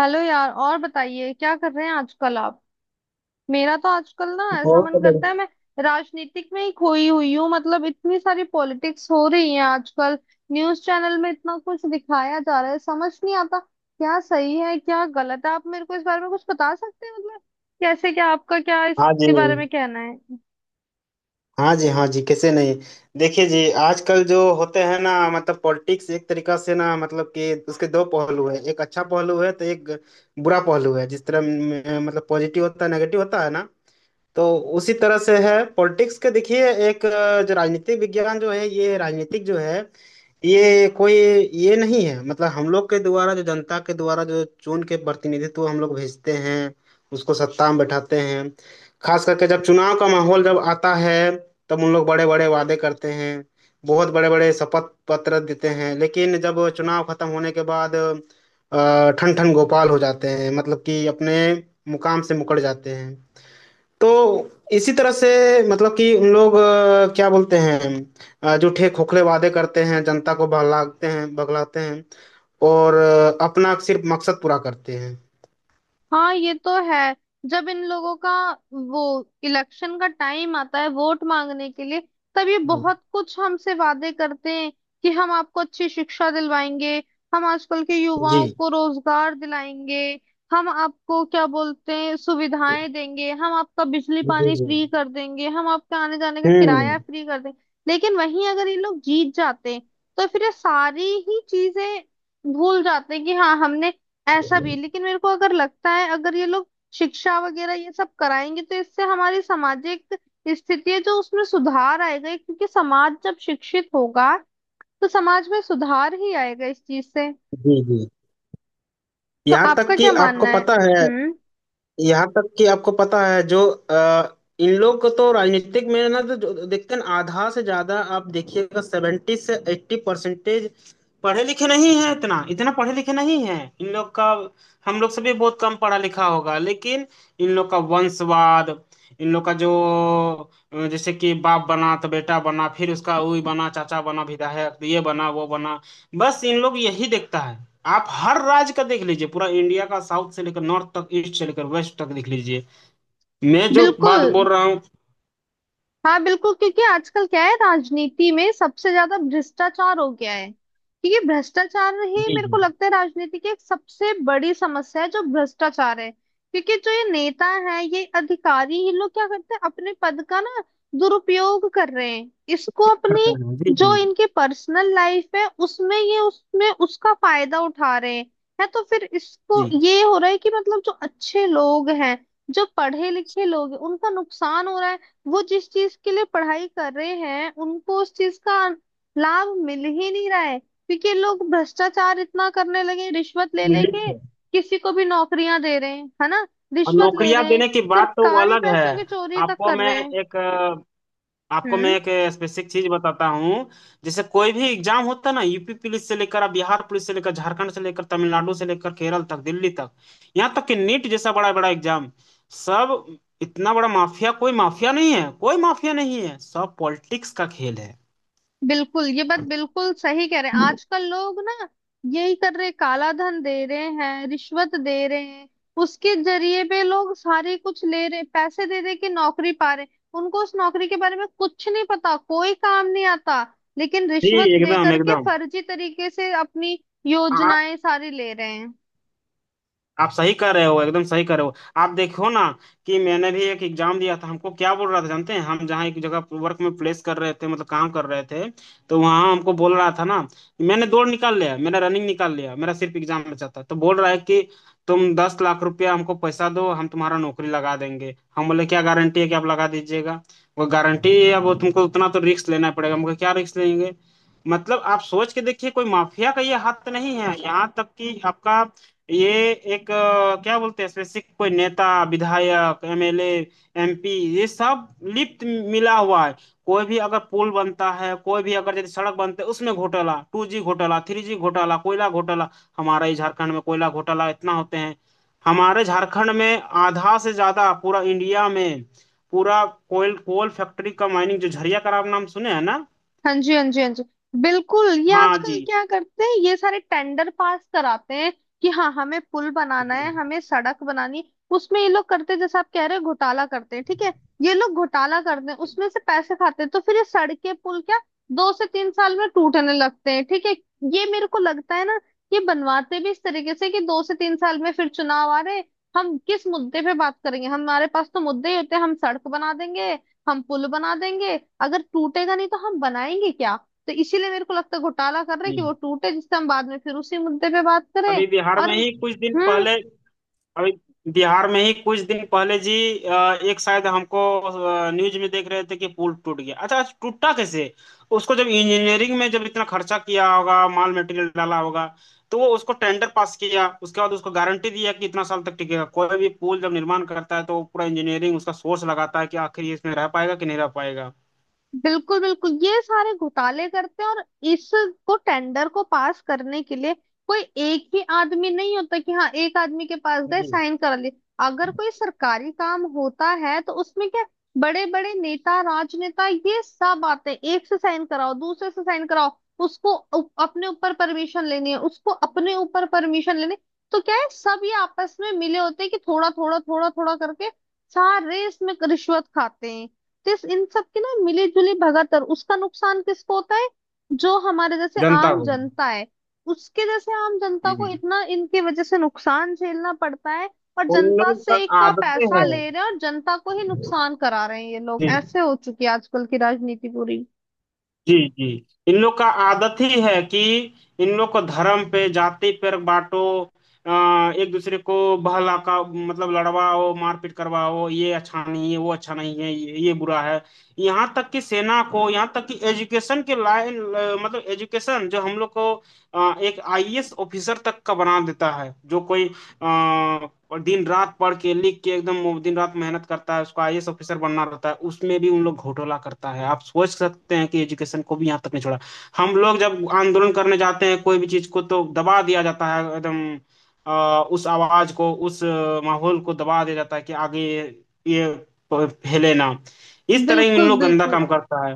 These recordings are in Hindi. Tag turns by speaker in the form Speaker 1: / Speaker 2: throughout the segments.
Speaker 1: हेलो यार। और बताइए क्या कर रहे हैं आजकल आप। मेरा तो आजकल ना ऐसा
Speaker 2: बहुत
Speaker 1: मन करता है
Speaker 2: बढ़िया।
Speaker 1: मैं राजनीतिक में ही खोई हुई हूँ। मतलब इतनी सारी पॉलिटिक्स हो रही है आजकल। न्यूज चैनल में इतना कुछ दिखाया जा रहा है, समझ नहीं आता क्या सही है क्या गलत है। आप मेरे को इस बारे में कुछ बता सकते हैं? मतलब कैसे, क्या आपका, क्या
Speaker 2: हाँ जी,
Speaker 1: इसके बारे में कहना है?
Speaker 2: हाँ जी, हाँ जी, कैसे नहीं। देखिए जी, आजकल जो होते हैं ना, मतलब पॉलिटिक्स एक तरीका से ना, मतलब कि उसके दो पहलू है, एक अच्छा पहलू है तो एक बुरा पहलू है। जिस तरह मतलब पॉजिटिव होता है, नेगेटिव होता है ना। तो उसी तरह से है पॉलिटिक्स के। देखिए, एक जो राजनीतिक विज्ञान जो है, ये राजनीतिक जो है, ये कोई ये नहीं है, मतलब हम लोग के द्वारा, जो जनता के द्वारा जो चुन के प्रतिनिधित्व हम लोग भेजते हैं, उसको सत्ता में बैठाते हैं। खास करके जब चुनाव का माहौल जब आता है, तब उन लोग बड़े बड़े वादे करते हैं। बहुत बड़े बड़े शपथ पत्र देते हैं, लेकिन जब चुनाव खत्म होने के बाद ठन ठन गोपाल हो जाते हैं, मतलब कि अपने मुकाम से मुकर जाते हैं। तो इसी तरह से, मतलब कि उन लोग क्या बोलते हैं, झूठे खोखले वादे करते हैं, जनता को बहलाते हैं बगलाते हैं, और अपना सिर्फ मकसद पूरा करते हैं।
Speaker 1: हाँ ये तो है। जब इन लोगों का वो इलेक्शन का टाइम आता है वोट मांगने के लिए, तब ये
Speaker 2: हम्म।
Speaker 1: बहुत कुछ हमसे वादे करते हैं कि हम आपको अच्छी शिक्षा दिलवाएंगे, हम आजकल के
Speaker 2: जी
Speaker 1: युवाओं को रोजगार दिलाएंगे, हम आपको क्या बोलते हैं सुविधाएं देंगे, हम आपका बिजली
Speaker 2: जी।
Speaker 1: पानी
Speaker 2: जी।
Speaker 1: फ्री कर देंगे, हम आपका आने जाने का
Speaker 2: हम्म।
Speaker 1: किराया फ्री कर देंगे। लेकिन वहीं अगर ये लोग जीत जाते हैं तो फिर ये सारी ही चीजें भूल जाते हैं कि हाँ हमने ऐसा भी। लेकिन मेरे को अगर लगता है अगर ये लोग शिक्षा वगैरह ये सब कराएंगे तो इससे हमारी सामाजिक स्थिति है जो उसमें सुधार आएगा, क्योंकि समाज जब शिक्षित होगा तो समाज में सुधार ही आएगा इस चीज से।
Speaker 2: जी जी।
Speaker 1: तो
Speaker 2: यहाँ तक
Speaker 1: आपका
Speaker 2: कि
Speaker 1: क्या
Speaker 2: आपको
Speaker 1: मानना है?
Speaker 2: पता है
Speaker 1: हम्म।
Speaker 2: यहाँ तक कि आपको पता है, जो इन लोग को तो राजनीतिक में ना, तो जो देखते हैं ना, आधा से ज्यादा आप देखिएगा, 70 से 80 परसेंटेज पढ़े लिखे नहीं है। इतना इतना पढ़े लिखे नहीं है इन लोग का। हम लोग से भी बहुत कम पढ़ा लिखा होगा, लेकिन इन लोग का वंशवाद, इन लोग का जो अ, जैसे कि बाप बना तो बेटा बना, फिर उसका वही बना, चाचा बना, विधायक ये बना वो बना। बस इन लोग यही देखता है। आप हर राज्य का देख लीजिए, पूरा इंडिया का, साउथ से लेकर नॉर्थ तक, ईस्ट से लेकर वेस्ट तक देख लीजिए। मैं जो बात
Speaker 1: बिल्कुल।
Speaker 2: बोल रहा हूँ।
Speaker 1: हाँ बिल्कुल, क्योंकि आजकल क्या है राजनीति में सबसे ज्यादा भ्रष्टाचार हो गया है। क्योंकि भ्रष्टाचार ही
Speaker 2: जी
Speaker 1: मेरे
Speaker 2: जी
Speaker 1: को लगता है राजनीति की एक सबसे बड़ी समस्या है जो भ्रष्टाचार है। क्योंकि जो ये नेता है ये अधिकारी ये लोग क्या करते हैं अपने पद का ना दुरुपयोग कर रहे हैं, इसको
Speaker 2: करता
Speaker 1: अपनी
Speaker 2: हूँ, जी
Speaker 1: जो
Speaker 2: जी।
Speaker 1: इनकी पर्सनल लाइफ है उसमें ये उसमें उसका फायदा उठा रहे हैं। है तो फिर इसको
Speaker 2: जी।
Speaker 1: ये हो रहा है कि मतलब जो अच्छे लोग हैं जो पढ़े लिखे लोग हैं उनका नुकसान हो रहा है। वो जिस चीज के लिए पढ़ाई कर रहे हैं उनको उस चीज का लाभ मिल ही नहीं रहा है, क्योंकि ये लोग भ्रष्टाचार इतना करने लगे, रिश्वत ले
Speaker 2: मैं लिख
Speaker 1: लेके
Speaker 2: रहा हूँ।
Speaker 1: किसी को भी नौकरियां दे रहे हैं है ना,
Speaker 2: और
Speaker 1: रिश्वत ले
Speaker 2: नौकरियां
Speaker 1: रहे हैं,
Speaker 2: देने की बात तो वो
Speaker 1: सरकारी
Speaker 2: अलग है।
Speaker 1: पैसों की चोरी तक
Speaker 2: आपको
Speaker 1: कर
Speaker 2: मैं
Speaker 1: रहे हैं।
Speaker 2: एक आपको मैं
Speaker 1: हम्म।
Speaker 2: एक स्पेसिफिक चीज बताता हूँ। जैसे कोई भी एग्जाम होता है ना, यूपी पुलिस से लेकर आप बिहार पुलिस से लेकर झारखंड से लेकर तमिलनाडु से लेकर केरल तक, दिल्ली तक। यहाँ तक कि नीट जैसा बड़ा बड़ा एग्जाम, सब। इतना बड़ा माफिया, कोई माफिया नहीं है, कोई माफिया नहीं है, सब पॉलिटिक्स का खेल है।
Speaker 1: बिल्कुल, ये बात बिल्कुल सही कह रहे हैं। आजकल लोग ना यही कर रहे, काला धन दे रहे हैं, रिश्वत दे रहे हैं, उसके जरिए पे लोग सारे कुछ ले रहे, पैसे दे दे के नौकरी पा रहे, उनको उस नौकरी के बारे में कुछ नहीं पता, कोई काम नहीं आता, लेकिन
Speaker 2: जी,
Speaker 1: रिश्वत दे
Speaker 2: एकदम
Speaker 1: करके
Speaker 2: एकदम।
Speaker 1: फर्जी तरीके से अपनी योजनाएं सारी ले रहे हैं।
Speaker 2: आप सही कर रहे हो, एकदम सही कर रहे हो। आप देखो ना, कि मैंने भी एक एग्जाम दिया था, हमको क्या बोल रहा था जानते हैं, हम जहाँ एक जगह वर्क में प्लेस कर रहे थे, मतलब काम कर रहे थे। तो वहाँ हमको बोल रहा था ना, मैंने दौड़ निकाल लिया, मैंने रनिंग निकाल लिया, मेरा सिर्फ एग्जाम बचा था। तो बोल रहा है कि तुम 10 लाख रुपया हमको पैसा दो, हम तुम्हारा नौकरी लगा देंगे। हम बोले क्या गारंटी है कि आप लगा दीजिएगा। वो गारंटी है, अब वो तुमको उतना तो रिस्क लेना पड़ेगा, हमको क्या रिस्क लेंगे। मतलब आप सोच के देखिए, कोई माफिया का ये हाथ नहीं है। यहाँ तक कि आपका ये एक क्या बोलते हैं, स्पेसिफिक कोई नेता, विधायक, एमएलए, एमपी, ये सब लिप्त, मिला हुआ है। कोई भी अगर पुल बनता है, कोई भी अगर जैसे सड़क बनते है, उसमें घोटाला, 2G घोटाला, 3G घोटाला, कोयला घोटाला। हमारे ही झारखंड में कोयला घोटाला इतना होते हैं। हमारे झारखंड में आधा से ज्यादा, पूरा इंडिया में, पूरा कोयल कोल फैक्ट्री का माइनिंग, जो झरिया का आप नाम सुने हैं ना।
Speaker 1: हाँ जी, हाँ जी, हाँ जी। बिल्कुल। ये
Speaker 2: हाँ
Speaker 1: आजकल
Speaker 2: जी,
Speaker 1: क्या करते हैं ये सारे टेंडर पास कराते हैं कि हाँ हमें पुल बनाना है
Speaker 2: जी
Speaker 1: हमें सड़क बनानी है। उसमें ये लोग करते हैं जैसे आप कह रहे हो घोटाला करते हैं, ठीक है। ये लोग घोटाला करते हैं, उसमें से पैसे खाते हैं तो फिर ये सड़कें पुल क्या दो से तीन साल में टूटने लगते हैं, ठीक है। ये मेरे को लगता है ना ये बनवाते भी इस तरीके से कि दो से तीन साल में फिर चुनाव आ रहे हैं, हम किस मुद्दे पे बात करेंगे, हमारे पास तो मुद्दे ही होते हैं, हम सड़क बना देंगे, हम पुल बना देंगे। अगर टूटेगा नहीं तो हम बनाएंगे क्या? तो इसीलिए मेरे को लगता है घोटाला कर रहे हैं कि
Speaker 2: जी।
Speaker 1: वो टूटे जिससे हम बाद में फिर उसी मुद्दे पे बात करें।
Speaker 2: अभी बिहार
Speaker 1: और
Speaker 2: में ही कुछ दिन
Speaker 1: हम्म।
Speaker 2: पहले अभी बिहार में ही कुछ दिन पहले जी, एक शायद हमको न्यूज में देख रहे थे कि पुल टूट गया। अच्छा, टूटा कैसे। उसको जब इंजीनियरिंग में जब इतना खर्चा किया होगा, माल मटेरियल डाला होगा, तो वो उसको टेंडर पास किया, उसके बाद उसको गारंटी दिया कि इतना साल तक टिकेगा। कोई भी पुल जब निर्माण करता है, तो वो पूरा इंजीनियरिंग उसका सोर्स लगाता है कि आखिर ये इसमें रह पाएगा कि नहीं रह पाएगा।
Speaker 1: बिल्कुल बिल्कुल, ये सारे घोटाले करते हैं। और इसको टेंडर को पास करने के लिए कोई एक ही आदमी नहीं होता कि हाँ एक आदमी के पास गए
Speaker 2: जी।
Speaker 1: साइन करा लिए। अगर कोई सरकारी काम होता है तो उसमें क्या बड़े बड़े नेता राजनेता ये सब आते हैं, एक से साइन कराओ दूसरे से साइन कराओ, उसको अपने ऊपर परमिशन लेनी है, उसको अपने ऊपर परमिशन लेनी। तो क्या है सब ये आपस में मिले होते हैं कि थोड़ा थोड़ा थोड़ा थोड़ा करके सारे इसमें रिश्वत खाते हैं। तो इन सब की ना मिली जुली भगत है। और उसका नुकसान किसको होता है? जो हमारे जैसे
Speaker 2: जनता
Speaker 1: आम
Speaker 2: को।
Speaker 1: जनता है, उसके जैसे आम जनता को
Speaker 2: हम्म।
Speaker 1: इतना इनकी वजह से नुकसान झेलना पड़ता है। और
Speaker 2: उन
Speaker 1: जनता
Speaker 2: लोगों का
Speaker 1: से का
Speaker 2: आदतें
Speaker 1: पैसा
Speaker 2: हैं।
Speaker 1: ले रहे हैं और जनता को ही नुकसान करा रहे हैं ये लोग,
Speaker 2: जी।
Speaker 1: ऐसे हो चुकी है आजकल की राजनीति पूरी।
Speaker 2: जी जी। इन लोग का आदत ही है कि इन लोग को धर्म पे, जाति पर बांटो, अ, एक दूसरे को बहला का, मतलब लड़वाओ, मारपीट करवाओ। ये अच्छा नहीं है, वो अच्छा नहीं है, ये बुरा है। यहाँ तक कि सेना को, यहाँ तक कि एजुकेशन के लाइन, मतलब एजुकेशन जो हम लोग को एक आईएएस ऑफिसर तक का बना देता है, जो कोई और दिन रात पढ़ के लिख के एकदम, वो दिन रात मेहनत करता है, उसको आईएएस ऑफिसर बनना रहता है, उसमें भी उन लोग घोटाला करता है। आप सोच सकते हैं कि एजुकेशन को भी यहाँ तक नहीं छोड़ा। हम लोग जब आंदोलन करने जाते हैं कोई भी चीज को, तो दबा दिया जाता है एकदम, उस आवाज को, उस माहौल को दबा दिया जाता है कि आगे ये फैले ना। इस तरह इन
Speaker 1: बिल्कुल
Speaker 2: लोग गंदा
Speaker 1: बिल्कुल।
Speaker 2: काम करता है।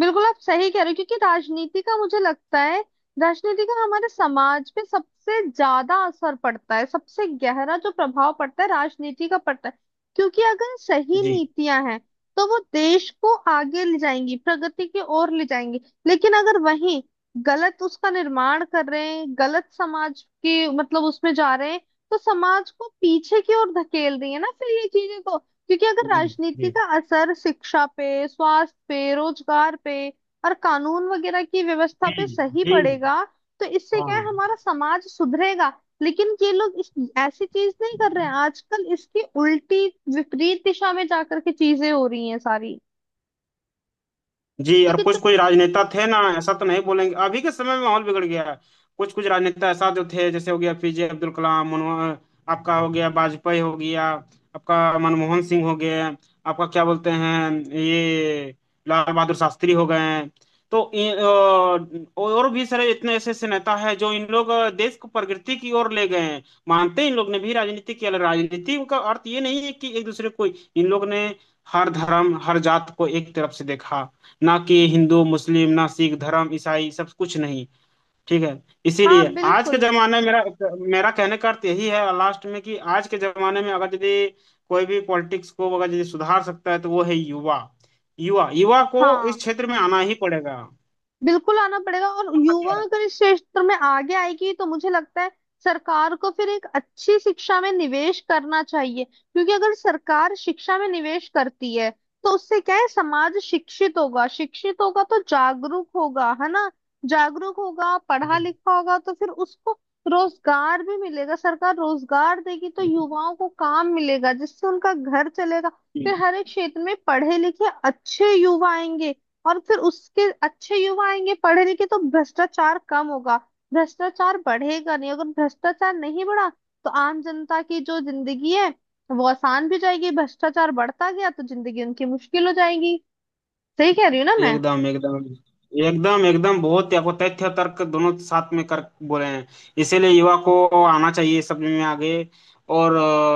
Speaker 1: बिल्कुल आप सही कह रहे हो, क्योंकि राजनीति का मुझे लगता है राजनीति का हमारे समाज पे सबसे ज्यादा असर पड़ता है, सबसे गहरा जो प्रभाव पड़ता है राजनीति का पड़ता है। क्योंकि अगर सही
Speaker 2: जी,
Speaker 1: नीतियां हैं तो वो देश को आगे ले जाएंगी, प्रगति की ओर ले जाएंगी। लेकिन अगर वहीं गलत उसका निर्माण कर रहे हैं, गलत समाज की मतलब उसमें जा रहे हैं, तो समाज को पीछे की ओर धकेल रही है ना फिर ये चीजें तो। क्योंकि अगर
Speaker 2: जी
Speaker 1: राजनीति
Speaker 2: जी,
Speaker 1: का असर शिक्षा पे, स्वास्थ्य पे, रोजगार पे और कानून वगैरह की व्यवस्था
Speaker 2: जी
Speaker 1: पे सही
Speaker 2: जी,
Speaker 1: पड़ेगा तो इससे क्या है
Speaker 2: हाँ
Speaker 1: हमारा समाज सुधरेगा। लेकिन ये लोग इस ऐसी चीज नहीं कर रहे हैं आजकल, इसकी उल्टी विपरीत दिशा में जाकर के चीजें हो रही हैं सारी।
Speaker 2: जी। और
Speaker 1: क्योंकि तो।
Speaker 2: कुछ कुछ राजनेता थे ना, ऐसा तो नहीं बोलेंगे, अभी के समय में माहौल बिगड़ गया है। कुछ कुछ राजनेता ऐसा जो थे, जैसे हो गया पीजे अब्दुल कलाम, मनमोहन। आपका हो गया वाजपेयी हो गया। आपका मनमोहन सिंह हो गए। आपका, क्या बोलते हैं ये, लाल बहादुर शास्त्री हो गए हैं। तो और भी सारे इतने ऐसे ऐसे नेता है, जो इन लोग देश को प्रगति की ओर ले गए हैं। मानते हैं इन लोग ने भी राजनीति किया, लेकिन राजनीति का अर्थ ये नहीं है कि एक दूसरे को इन लोग ने, हर धर्म हर जात को एक तरफ से देखा। ना कि हिंदू मुस्लिम, ना सिख धर्म, ईसाई, सब कुछ नहीं। ठीक है।
Speaker 1: हाँ
Speaker 2: इसीलिए आज के
Speaker 1: बिल्कुल।
Speaker 2: जमाने में मेरा मेरा कहने का अर्थ यही है लास्ट में, कि आज के जमाने में अगर यदि कोई भी पॉलिटिक्स को अगर यदि सुधार सकता है, तो वो है युवा। युवा, युवा को इस
Speaker 1: हाँ
Speaker 2: क्षेत्र में आना ही पड़ेगा।
Speaker 1: बिल्कुल आना पड़ेगा। और
Speaker 2: आपका
Speaker 1: युवा
Speaker 2: क्या राय
Speaker 1: अगर इस क्षेत्र में आगे आएगी तो मुझे लगता है सरकार को फिर एक अच्छी शिक्षा में निवेश करना चाहिए, क्योंकि अगर सरकार शिक्षा में निवेश करती है तो उससे क्या है समाज शिक्षित होगा, शिक्षित होगा तो जागरूक होगा है ना। जागरूक होगा पढ़ा
Speaker 2: है?
Speaker 1: लिखा होगा तो फिर उसको रोजगार भी मिलेगा, सरकार रोजगार देगी तो
Speaker 2: जी,
Speaker 1: युवाओं को काम मिलेगा जिससे उनका घर चलेगा।
Speaker 2: जी।
Speaker 1: फिर हर एक क्षेत्र में पढ़े लिखे अच्छे युवा आएंगे और फिर उसके अच्छे युवा आएंगे पढ़े लिखे तो भ्रष्टाचार कम होगा, भ्रष्टाचार बढ़ेगा नहीं। अगर भ्रष्टाचार नहीं बढ़ा तो आम जनता की जो जिंदगी है वो आसान भी जाएगी, भ्रष्टाचार बढ़ता गया तो जिंदगी उनकी मुश्किल हो जाएगी। सही कह रही हूँ ना मैं?
Speaker 2: एकदम एकदम, एकदम एकदम, बहुत देखो, तथ्य तर्क दोनों साथ में कर बोले हैं। इसीलिए युवा को आना चाहिए सब में आगे। और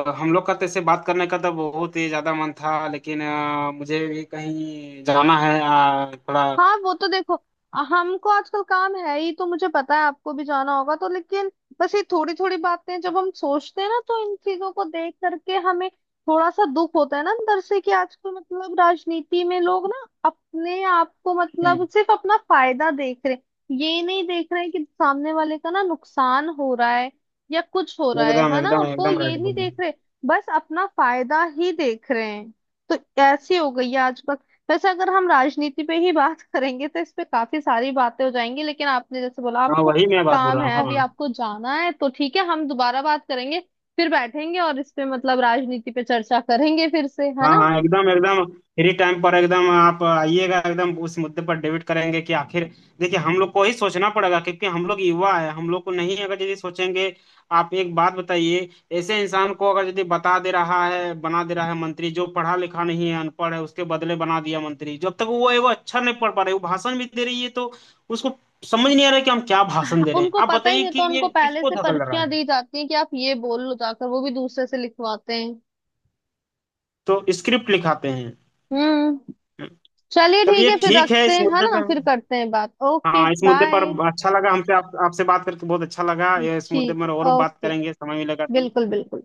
Speaker 2: हम लोग का तेरे बात करने का तो बहुत ही ज्यादा मन था, लेकिन मुझे भी कहीं जाना है थोड़ा।
Speaker 1: हाँ वो तो देखो, हमको आजकल काम है ही तो मुझे पता है आपको भी जाना होगा तो। लेकिन बस ये थोड़ी थोड़ी बातें जब हम सोचते हैं ना तो इन चीजों को देख करके हमें थोड़ा सा दुख होता है ना अंदर से, कि आजकल मतलब राजनीति में लोग ना अपने आप को
Speaker 2: हम्म,
Speaker 1: मतलब सिर्फ अपना फायदा देख रहे हैं, ये नहीं देख रहे हैं कि सामने वाले का ना नुकसान हो रहा है या कुछ हो रहा
Speaker 2: एकदम
Speaker 1: है ना।
Speaker 2: एकदम,
Speaker 1: वो
Speaker 2: एकदम
Speaker 1: ये
Speaker 2: राइट
Speaker 1: नहीं
Speaker 2: बोल रहे हो।
Speaker 1: देख रहे, बस अपना फायदा ही देख रहे हैं। तो ऐसी हो गई है आज। वैसे अगर हम राजनीति पे ही बात करेंगे तो इस पे काफी सारी बातें हो जाएंगी, लेकिन आपने जैसे बोला
Speaker 2: हाँ,
Speaker 1: आपको
Speaker 2: वही मैं बात बोल
Speaker 1: काम
Speaker 2: रहा हूँ,
Speaker 1: है अभी
Speaker 2: हाँ।
Speaker 1: आपको जाना है तो ठीक है, हम दोबारा बात करेंगे, फिर बैठेंगे और इस पे मतलब राजनीति पे चर्चा करेंगे फिर से है
Speaker 2: हाँ
Speaker 1: ना।
Speaker 2: हाँ, एकदम एकदम, फ्री टाइम पर एकदम आप आइएगा, एकदम उस मुद्दे पर डिबेट करेंगे, कि आखिर देखिए हम लोग को ही सोचना पड़ेगा, क्योंकि हम लोग युवा है, हम लोग को नहीं अगर यदि सोचेंगे। आप एक बात बताइए, ऐसे इंसान को अगर यदि बता दे रहा है, बना दे रहा है मंत्री, जो पढ़ा लिखा नहीं है, अनपढ़ है, उसके बदले बना दिया मंत्री, जब तक वो है वो अच्छा नहीं पढ़ पा रहे, वो भाषण भी दे रही है, तो उसको समझ नहीं आ रहा है कि हम क्या भाषण दे रहे हैं।
Speaker 1: उनको
Speaker 2: आप
Speaker 1: पता ही
Speaker 2: बताइए
Speaker 1: नहीं तो
Speaker 2: कि ये
Speaker 1: उनको पहले
Speaker 2: किसको
Speaker 1: से
Speaker 2: धकल रहा है।
Speaker 1: पर्चियां दी जाती हैं कि आप ये बोल लो जाकर, वो भी दूसरे से लिखवाते हैं।
Speaker 2: तो स्क्रिप्ट लिखाते हैं।
Speaker 1: हम्म। चलिए ठीक
Speaker 2: चलिए,
Speaker 1: है फिर
Speaker 2: ठीक है,
Speaker 1: रखते
Speaker 2: इस
Speaker 1: हैं है
Speaker 2: मुद्दे पे
Speaker 1: ना, फिर
Speaker 2: हम।
Speaker 1: करते हैं बात। ओके
Speaker 2: हाँ, इस मुद्दे पर
Speaker 1: बाय।
Speaker 2: अच्छा लगा, हमसे आप आपसे बात करके बहुत अच्छा लगा। ये इस मुद्दे
Speaker 1: ठीक
Speaker 2: पर और
Speaker 1: है।
Speaker 2: बात
Speaker 1: ओके।
Speaker 2: करेंगे समय मिलेगा
Speaker 1: बिल्कुल
Speaker 2: तो
Speaker 1: बिल्कुल।